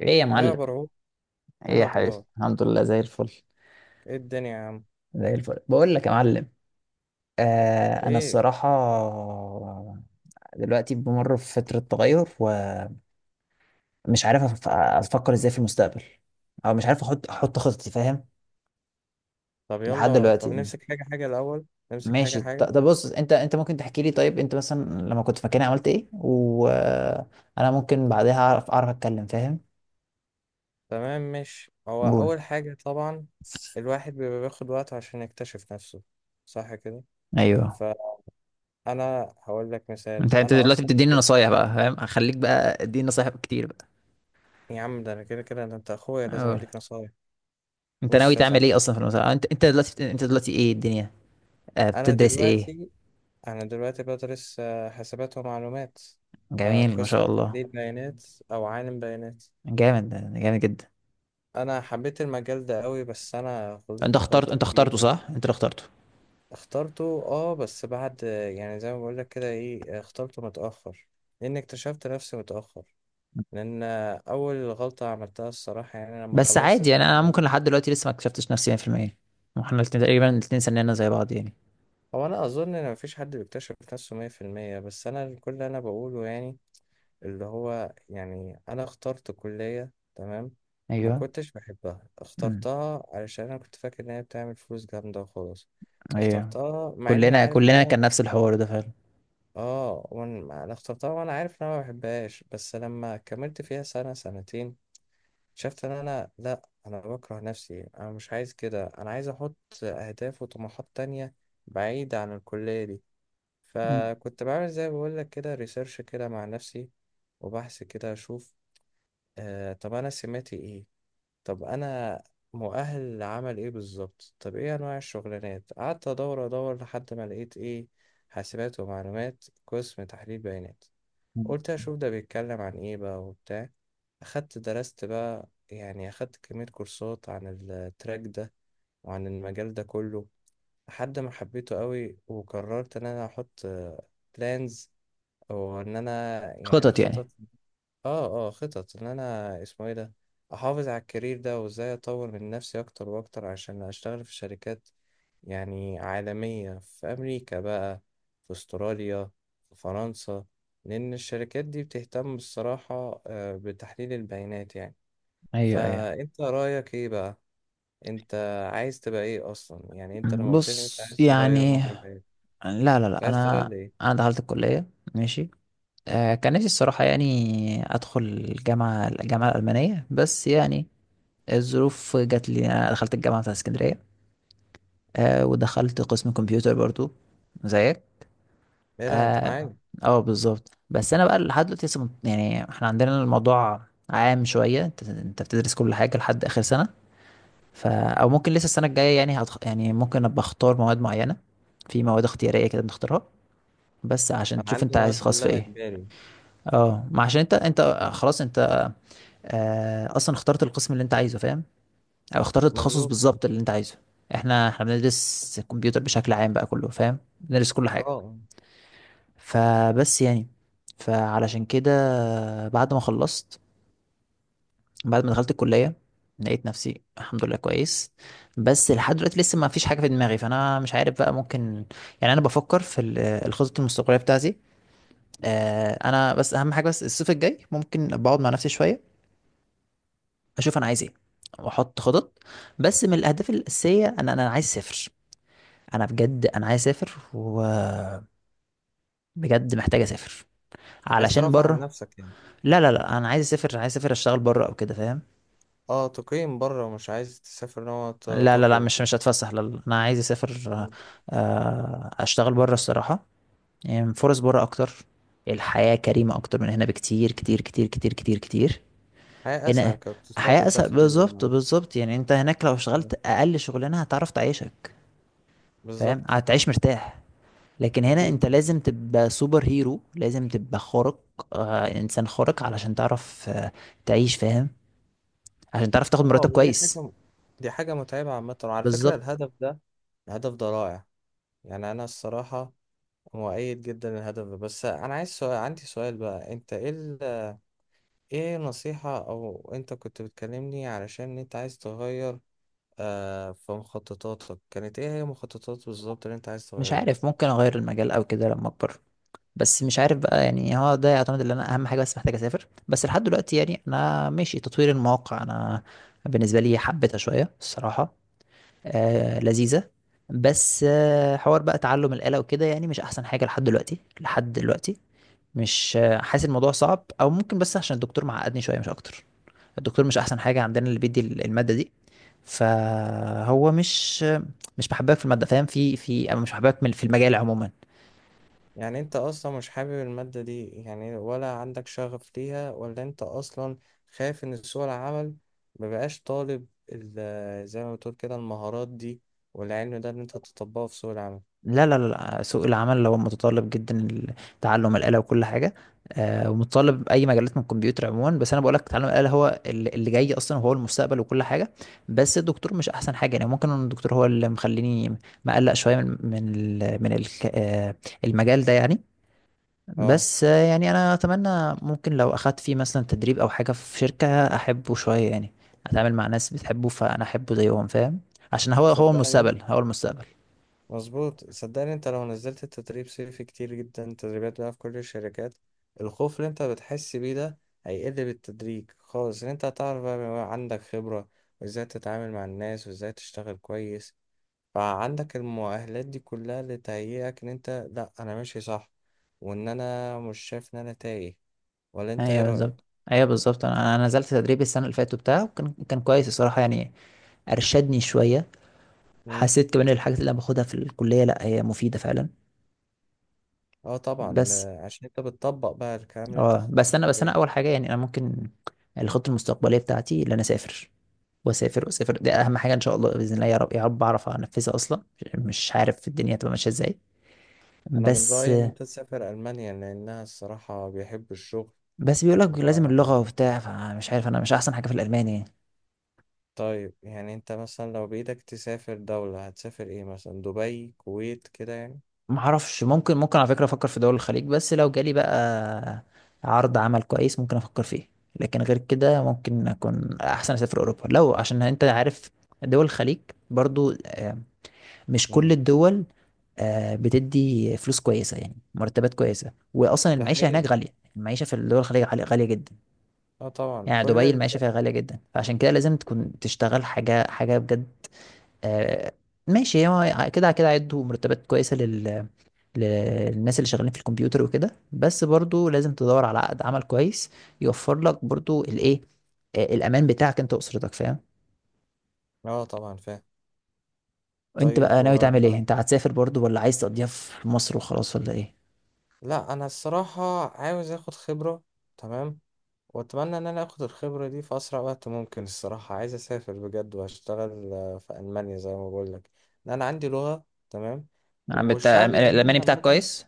ايه يا ايه يا معلم. برعو، ايه ايه يا حبيبي، الاخبار؟ الحمد لله زي الفل. ايه الدنيا يا عم؟ زي الفل بقول لك يا معلم. انا ايه؟ الصراحه دلوقتي بمر في فتره تغير، ومش عارف افكر ازاي في المستقبل، او مش عارف احط خطتي، فاهم؟ طب لحد يلا، طب دلوقتي نمسك حاجه حاجه الاول، نمسك حاجه ماشي. حاجه. طب بص، انت ممكن تحكي لي؟ طيب انت مثلا لما كنت في مكاني عملت ايه؟ وانا ممكن بعدها اعرف اتكلم، فاهم؟ تمام. مش هو قول. اول حاجه طبعا الواحد بيبقى بياخد وقته عشان يكتشف نفسه، صح كده؟ ايوه، فانا هقول لك مثال، انت انا دلوقتي اصلا بتديني كنت. نصايح بقى، فاهم؟ هخليك بقى اديني نصايح كتير يا عم ده انا كده كده، ده انت اخويا لازم بقى. اديك نصايح. انت ناوي بص يا تعمل صاحبي، ايه اصلا في المسابقه؟ انت دلوقتي ايه الدنيا؟ آه انا بتدرس ايه؟ دلوقتي انا دلوقتي بدرس حاسبات ومعلومات، آه، جميل ما قسم شاء الله. تحليل بيانات، او عالم بيانات. جامد، جامد جدا. انا حبيت المجال ده قوي، بس انا انت غلطت اخترت، غلطة انت اخترته كبيرة. صح انت اللي اخترته؟ اخترته اه، بس بعد يعني زي ما بقول لك كده، ايه، اخترته متأخر لان اكتشفت نفسي متأخر. لان اول غلطة عملتها الصراحة يعني لما بس خلصت عادي يعني، الثانوية انا ممكن عامة. لحد دلوقتي لسه ما اكتشفتش نفسي 100%. واحنا الاثنين تقريبا الاثنين سننا زي بعض يعني. هو انا اظن ان مفيش حد بيكتشف نفسه مية في المية، بس انا كل اللي انا بقوله يعني اللي هو يعني أنا اخترت كلية، تمام، ما ايوه. كنتش بحبها، امم. اخترتها علشان أنا كنت فاكر إن هي بتعمل فلوس جامدة وخلاص. ايوه. اخترتها مع إني كلنا عارف إن كلنا أنا كان نفس الحوار ده فعلا. أنا اخترتها وأنا عارف إن أنا ما بحبهاش، بس لما كملت فيها سنة سنتين شفت إن أنا لأ، أنا بكره نفسي، أنا مش عايز كده، أنا عايز أحط أهداف وطموحات تانية بعيدة عن الكلية دي. مم. فكنت بعمل زي ما بقولك كده ريسيرش كده مع نفسي وبحث كده أشوف. آه، طب انا سماتي ايه؟ طب انا مؤهل لعمل ايه بالظبط؟ طب ايه انواع الشغلانات؟ قعدت ادور لحد ما لقيت ايه، حاسبات ومعلومات قسم تحليل بيانات. قلت اشوف ده بيتكلم عن ايه بقى وبتاع، اخدت درست بقى يعني اخدت كمية كورسات عن التراك ده وعن المجال ده كله. لحد ما حبيته قوي وقررت ان انا احط بلانز او ان انا يعني خطط خطط. يعني. اه خطط ان انا اسمه ايه ده، احافظ على الكارير ده، وازاي اطور من نفسي اكتر واكتر عشان اشتغل في شركات يعني عالمية، في امريكا بقى، في استراليا، في فرنسا، لان الشركات دي بتهتم الصراحة بتحليل البيانات يعني. ايوه. ايوه. فانت رأيك ايه بقى؟ انت عايز تبقى ايه اصلا؟ يعني انت لما قلت لي إن انت بص عايز تغير يعني، مجرى حياتك، لا لا كنت لا، عايز تغير انا لإيه؟ ايه. انا دخلت الكليه، ماشي؟ آه، كان نفسي الصراحة يعني أدخل الجامعة، الألمانية بس يعني، الظروف جات لي. أنا دخلت الجامعة بتاعت اسكندرية، أه ودخلت قسم كمبيوتر برضو زيك. لا لا، انت اه. معايا. آه، بالظبط. بس أنا بقى لحد دلوقتي لسه يعني احنا عندنا الموضوع عام شوية. انت بتدرس كل حاجة لحد آخر سنة، ف أو ممكن لسه السنة الجاية يعني يعني ممكن أبقى أختار مواد معينة. في مواد اختيارية كده بنختارها بس عشان انا تشوف عندي أنت مواد عايز خاص في كلها إيه. اجباري. اه، ما عشان انت خلاص انت آه، اصلا اخترت القسم اللي انت عايزه، فاهم؟ او اخترت التخصص مظبوط. بالظبط اللي انت عايزه. احنا بندرس الكمبيوتر بشكل عام بقى كله، فاهم؟ بندرس كل حاجه. اه، فبس يعني، فعلشان كده، بعد ما خلصت، بعد ما دخلت الكليه، لقيت نفسي الحمد لله كويس. بس لحد دلوقتي لسه ما فيش حاجه في دماغي، فانا مش عارف بقى ممكن. يعني انا بفكر في الخطط المستقبليه بتاعتي. آه، انا بس اهم حاجه، بس الصيف الجاي ممكن بقعد مع نفسي شويه اشوف انا عايز ايه، واحط خطط. بس من الاهداف الاساسيه، انا عايز اسافر. انا بجد انا عايز اسافر، وبجد محتاج اسافر، عايز علشان ترفع عن بره. نفسك يعني؟ لا لا لا، انا عايز اسافر، عايز اسافر اشتغل بره او كده، فاهم؟ اه تقيم بره، مش عايز تسافر نوع لا لا لا، تخرج مش وكده. هتفسح، لا لا. انا عايز اسافر مم. آه، اشتغل بره الصراحه. يعني فرص بره اكتر، الحياه كريمه اكتر من هنا بكتير، كتير كتير كتير كتير كتير. حياة أسهل هنا كاقتصاد، حياه اسهل، الدخل بالظبط ال-. بالظبط. يعني انت هناك لو اشتغلت اقل شغلانه هتعرف تعيشك، فاهم؟ بالظبط. هتعيش مرتاح. لكن هنا أكيد انت طبعا. لازم تبقى سوبر هيرو، لازم تبقى خارق آه، انسان خارق علشان تعرف آه تعيش، فاهم؟ عشان تعرف تاخد اه، مرتب ودي كويس. حاجة، دي حاجة متعبة عامة. وعلى فكرة بالظبط. الهدف ده، الهدف ده رائع. يعني أنا الصراحة مؤيد جدا للهدف ده، بس أنا عايز سؤال، عندي سؤال بقى، أنت إيه ال...، إيه نصيحة؟ أو أنت كنت بتكلمني علشان أنت عايز تغير في مخططاتك، كانت إيه هي مخططات بالظبط اللي أنت عايز مش تغيرها؟ عارف، ممكن اغير المجال او كده لما اكبر. بس مش عارف بقى يعني، هو ده يعتمد ان انا اهم حاجه بس محتاج اسافر. بس لحد دلوقتي يعني انا ماشي تطوير المواقع. انا بالنسبه لي حبيتها شويه الصراحه، آه لذيذه. بس آه، حوار بقى تعلم الآلة وكده يعني مش احسن حاجه لحد دلوقتي، لحد دلوقتي مش حاسس الموضوع صعب او ممكن، بس عشان الدكتور معقدني شويه مش اكتر. الدكتور مش احسن حاجه عندنا اللي بيدي الماده دي، فهو مش محببك في الماده، فاهم؟ في في أو مش محببك في المجال عموما. يعني انت اصلا مش حابب المادة دي يعني؟ ولا عندك شغف ليها؟ ولا انت اصلا خايف ان سوق العمل مبقاش طالب ال- زي ما بتقول كده المهارات دي والعلم ده ان انت تطبقه في سوق العمل؟ لا لا لا، سوق العمل هو متطلب جدا تعلم الآلة وكل حاجة آه، ومتطلب أي مجالات من الكمبيوتر عموما. بس أنا بقولك تعلم الآلة هو اللي جاي أصلا، وهو المستقبل وكل حاجة. بس الدكتور مش أحسن حاجة، يعني ممكن إن الدكتور هو اللي مخليني مقلق شوية من المجال ده يعني. اه. بس آه، يعني انا اتمنى ممكن لو اخدت فيه مثلا تدريب او حاجه في شركه احبه شويه يعني، اتعامل مع ناس بتحبه فانا احبه زيهم، فاهم؟ عشان هو، هو صدقني، المستقبل، هو المستقبل. مظبوط، صدقني، انت لو نزلت التدريب صيفي كتير جدا تدريبات بقى في كل الشركات، الخوف اللي انت بتحس بيه ده هيقل بالتدريج خالص، ان انت هتعرف بقى، بيبقى عندك خبرة وازاي تتعامل مع الناس وازاي تشتغل كويس. فعندك المؤهلات دي كلها اللي تهيئك ان انت لا، انا ماشي صح، وان انا مش شايف ان انا تايه. ولا انت ايه ايوه رأيك؟ بالظبط. ايوه بالظبط، انا نزلت تدريب السنه اللي فاتت بتاعه، وكان كويس الصراحه يعني، ارشدني شويه. مم. حسيت كمان الحاجات اللي انا باخدها في الكليه لا هي مفيده فعلا. اه طبعا، بس عشان انت بتطبق بقى الكلام اللي انت اه، خدته في بس انا الكلية. اول حاجه يعني انا ممكن الخطه المستقبليه بتاعتي ان انا اسافر، واسافر واسافر، دي اهم حاجه. ان شاء الله باذن الله، يا رب يا رب اعرف انفذها اصلا. مش عارف الدنيا هتبقى ماشيه ازاي. انا من بس. رأيي ان انت تسافر المانيا لانها الصراحة بيحب الشغل بس بيقول لك و... لازم اللغه وبتاع، فمش عارف انا مش احسن حاجه في الالماني. طيب، يعني انت مثلا لو بايدك تسافر دولة، هتسافر ايه؟ مثلا دبي، كويت، كده يعني. ما اعرفش، ممكن ممكن على فكره افكر في دول الخليج، بس لو جالي بقى عرض عمل كويس ممكن افكر فيه. لكن غير كده ممكن اكون احسن اسافر اوروبا. لو عشان انت عارف دول الخليج برضو آه، مش كل مم. الدول آه، بتدي فلوس كويسة، يعني مرتبات كويسة. وأصلا ده المعيشة هناك حقيقي. غالية، المعيشة في الدول الخليج غالية جدا. اه طبعا يعني كل دبي ال... المعيشة فيها غالية جدا، فعشان كده لازم تكون تشتغل حاجة، حاجة بجد آه، ماشي. هو كده كده هيدوا مرتبات كويسة للناس اللي شغالين في الكمبيوتر وكده، بس برضو لازم تدور على عقد عمل كويس يوفر لك برضو الإيه آه، الأمان بتاعك أنت وأسرتك، فاهم؟ اه طبعا فاهم. أنت طيب. بقى ناوي تعمل إيه؟ أنت هتسافر برضو ولا عايز تقضيها في مصر وخلاص، ولا إيه؟ لا انا الصراحة عاوز اخد خبرة، تمام، واتمنى ان انا اخد الخبرة دي في اسرع وقت ممكن. الصراحة عايز اسافر بجد واشتغل في المانيا زي ما بقول لك، ان انا عندي لغة تمام. نعم، بتاع والشعب الالماني الألماني بتاعك عامة. كويس؟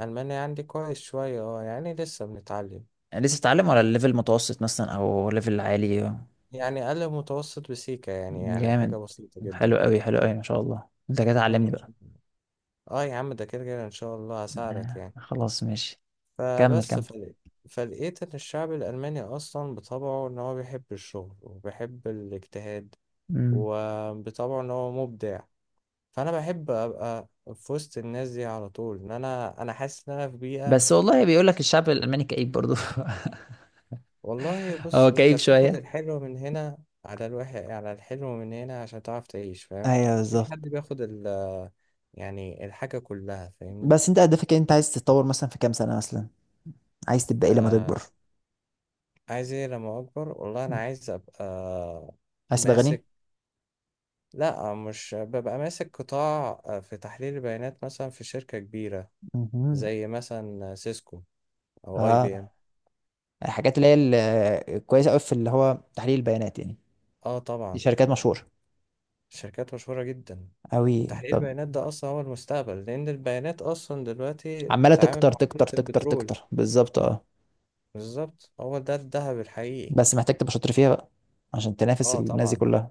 المانيا عندي كويس شوية، اه، يعني لسه بنتعلم. لسه بتتعلم ولا الليفل متوسط مثلا أو ليفل عالي؟ يعني اقل متوسط، بسيكة يعني، يعني حاجة جامد، بسيطة جدا. حلو قوي، حلو قوي ما شاء الله، أنت كده تعلمني إن- بقى. اه يا عم ده كده كده ان شاء الله هساعدك آه، يعني. خلاص ماشي. كمل فبس كمل. فل... فلقيت ان الشعب الالماني اصلا بطبعه ان هو بيحب الشغل وبيحب الاجتهاد، مم. وبطبعه ان هو مبدع. فانا بحب ابقى في وسط الناس دي على طول، ان انا حاسس ان انا في بيئة. بس والله بيقول لك الشعب الألماني كئيب برضو. والله بص، هو انت كئيب بتاخد شوية. الحلو من هنا، على الوحش، على الحلو من هنا عشان تعرف تعيش، فاهم؟ ايوه مفيش حد بالظبط. بياخد ال، يعني الحاجة كلها، فاهمني؟ بس انت هدفك إيه؟ انت عايز تتطور مثلا في كام سنة مثلا؟ عايز تبقى ايه لما آه. تكبر؟ عايز ايه لما اكبر؟ والله انا مم. عايز ابقى عايز تبقى غني؟ ماسك. لا، مش ببقى ماسك قطاع في تحليل البيانات مثلا في شركة كبيرة، مهم. زي مثلا سيسكو أو أي بي اه، إم الحاجات اللي هي كويسة قوي في اللي هو تحليل البيانات يعني. آه دي طبعا. شركات مشهورة شركات مشهورة جدا. قوي. تحليل طب البيانات ده أصلا هو المستقبل، لأن البيانات أصلا دلوقتي عماله بتتعامل تكتر مع تكتر عملة تكتر البترول. تكتر، بالظبط اه. بالظبط، هو ده الذهب الحقيقي. بس محتاج تبقى شاطر فيها بقى عشان تنافس آه الناس دي طبعا. كلها.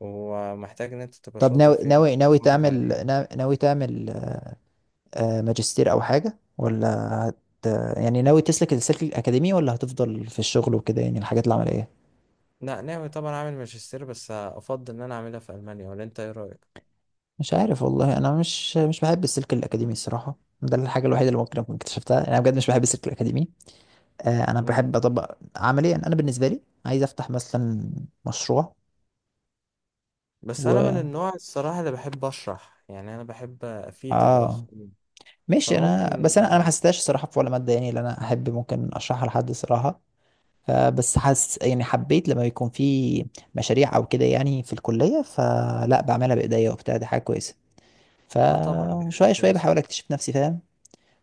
ومحتاج إن أنت تبقى طب شاطر ناوي، فيها وتحافظ عليها. ناوي تعمل آه، ماجستير او حاجه ولا هت، يعني ناوي تسلك السلك الاكاديمي ولا هتفضل في الشغل وكده يعني الحاجات العمليه؟ لا، ناوي طبعا أعمل ماجستير، بس أفضل إن أنا أعملها في ألمانيا، ولا أنت إيه رأيك؟ مش عارف والله، انا مش بحب السلك الاكاديمي الصراحه. ده الحاجه الوحيده اللي ممكن اكون اكتشفتها انا بجد، مش بحب السلك الاكاديمي. آه، انا بحب اطبق عمليا، انا بالنسبه لي عايز افتح مثلا مشروع بس انا من و النوع الصراحه اللي بحب اشرح، يعني انا بحب افيد اه، الاخرين، ماشي. انا فممكن. بس انا ما حسيتهاش الصراحه في ولا ماده يعني اللي انا احب ممكن اشرحها لحد صراحه. آه، بس حاسس يعني حبيت لما يكون في مشاريع او كده يعني في الكليه، فلا بعملها بايديا وبتاع، دي حاجه كويسه. اه طبعا، دي حاجه فشويه شويه كويسه. بحاول اكتشف نفسي، فاهم؟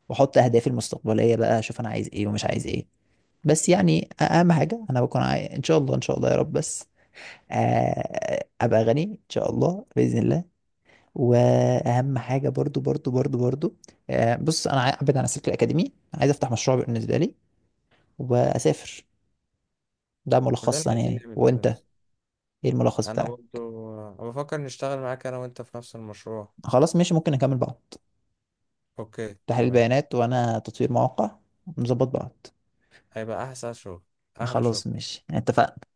واحط اهدافي المستقبليه بقى اشوف انا عايز ايه ومش عايز ايه. بس يعني اهم حاجه انا بكون عايز ان شاء الله، ان شاء الله يا رب. بس آه، ابقى غني ان شاء الله باذن الله. واهم حاجه برضو، برضو برضو برضو آه، بص انا ابعد عن السلك الاكاديمي، عايز افتح مشروع بالنسبه لي، واسافر. ده كلنا ملخصا عايزين يعني. نعمل كده. وانت ايه الملخص انا بتاعك؟ برضو، أنا بفكر نشتغل معاك، انا وانت في نفس المشروع. خلاص ماشي، ممكن نكمل بعض. اوكي، تحليل تمام. بيانات وانا تطوير مواقع، نظبط بعض. هيبقى احسن شغل، احلى شغل. خلاص ماشي، اتفقنا.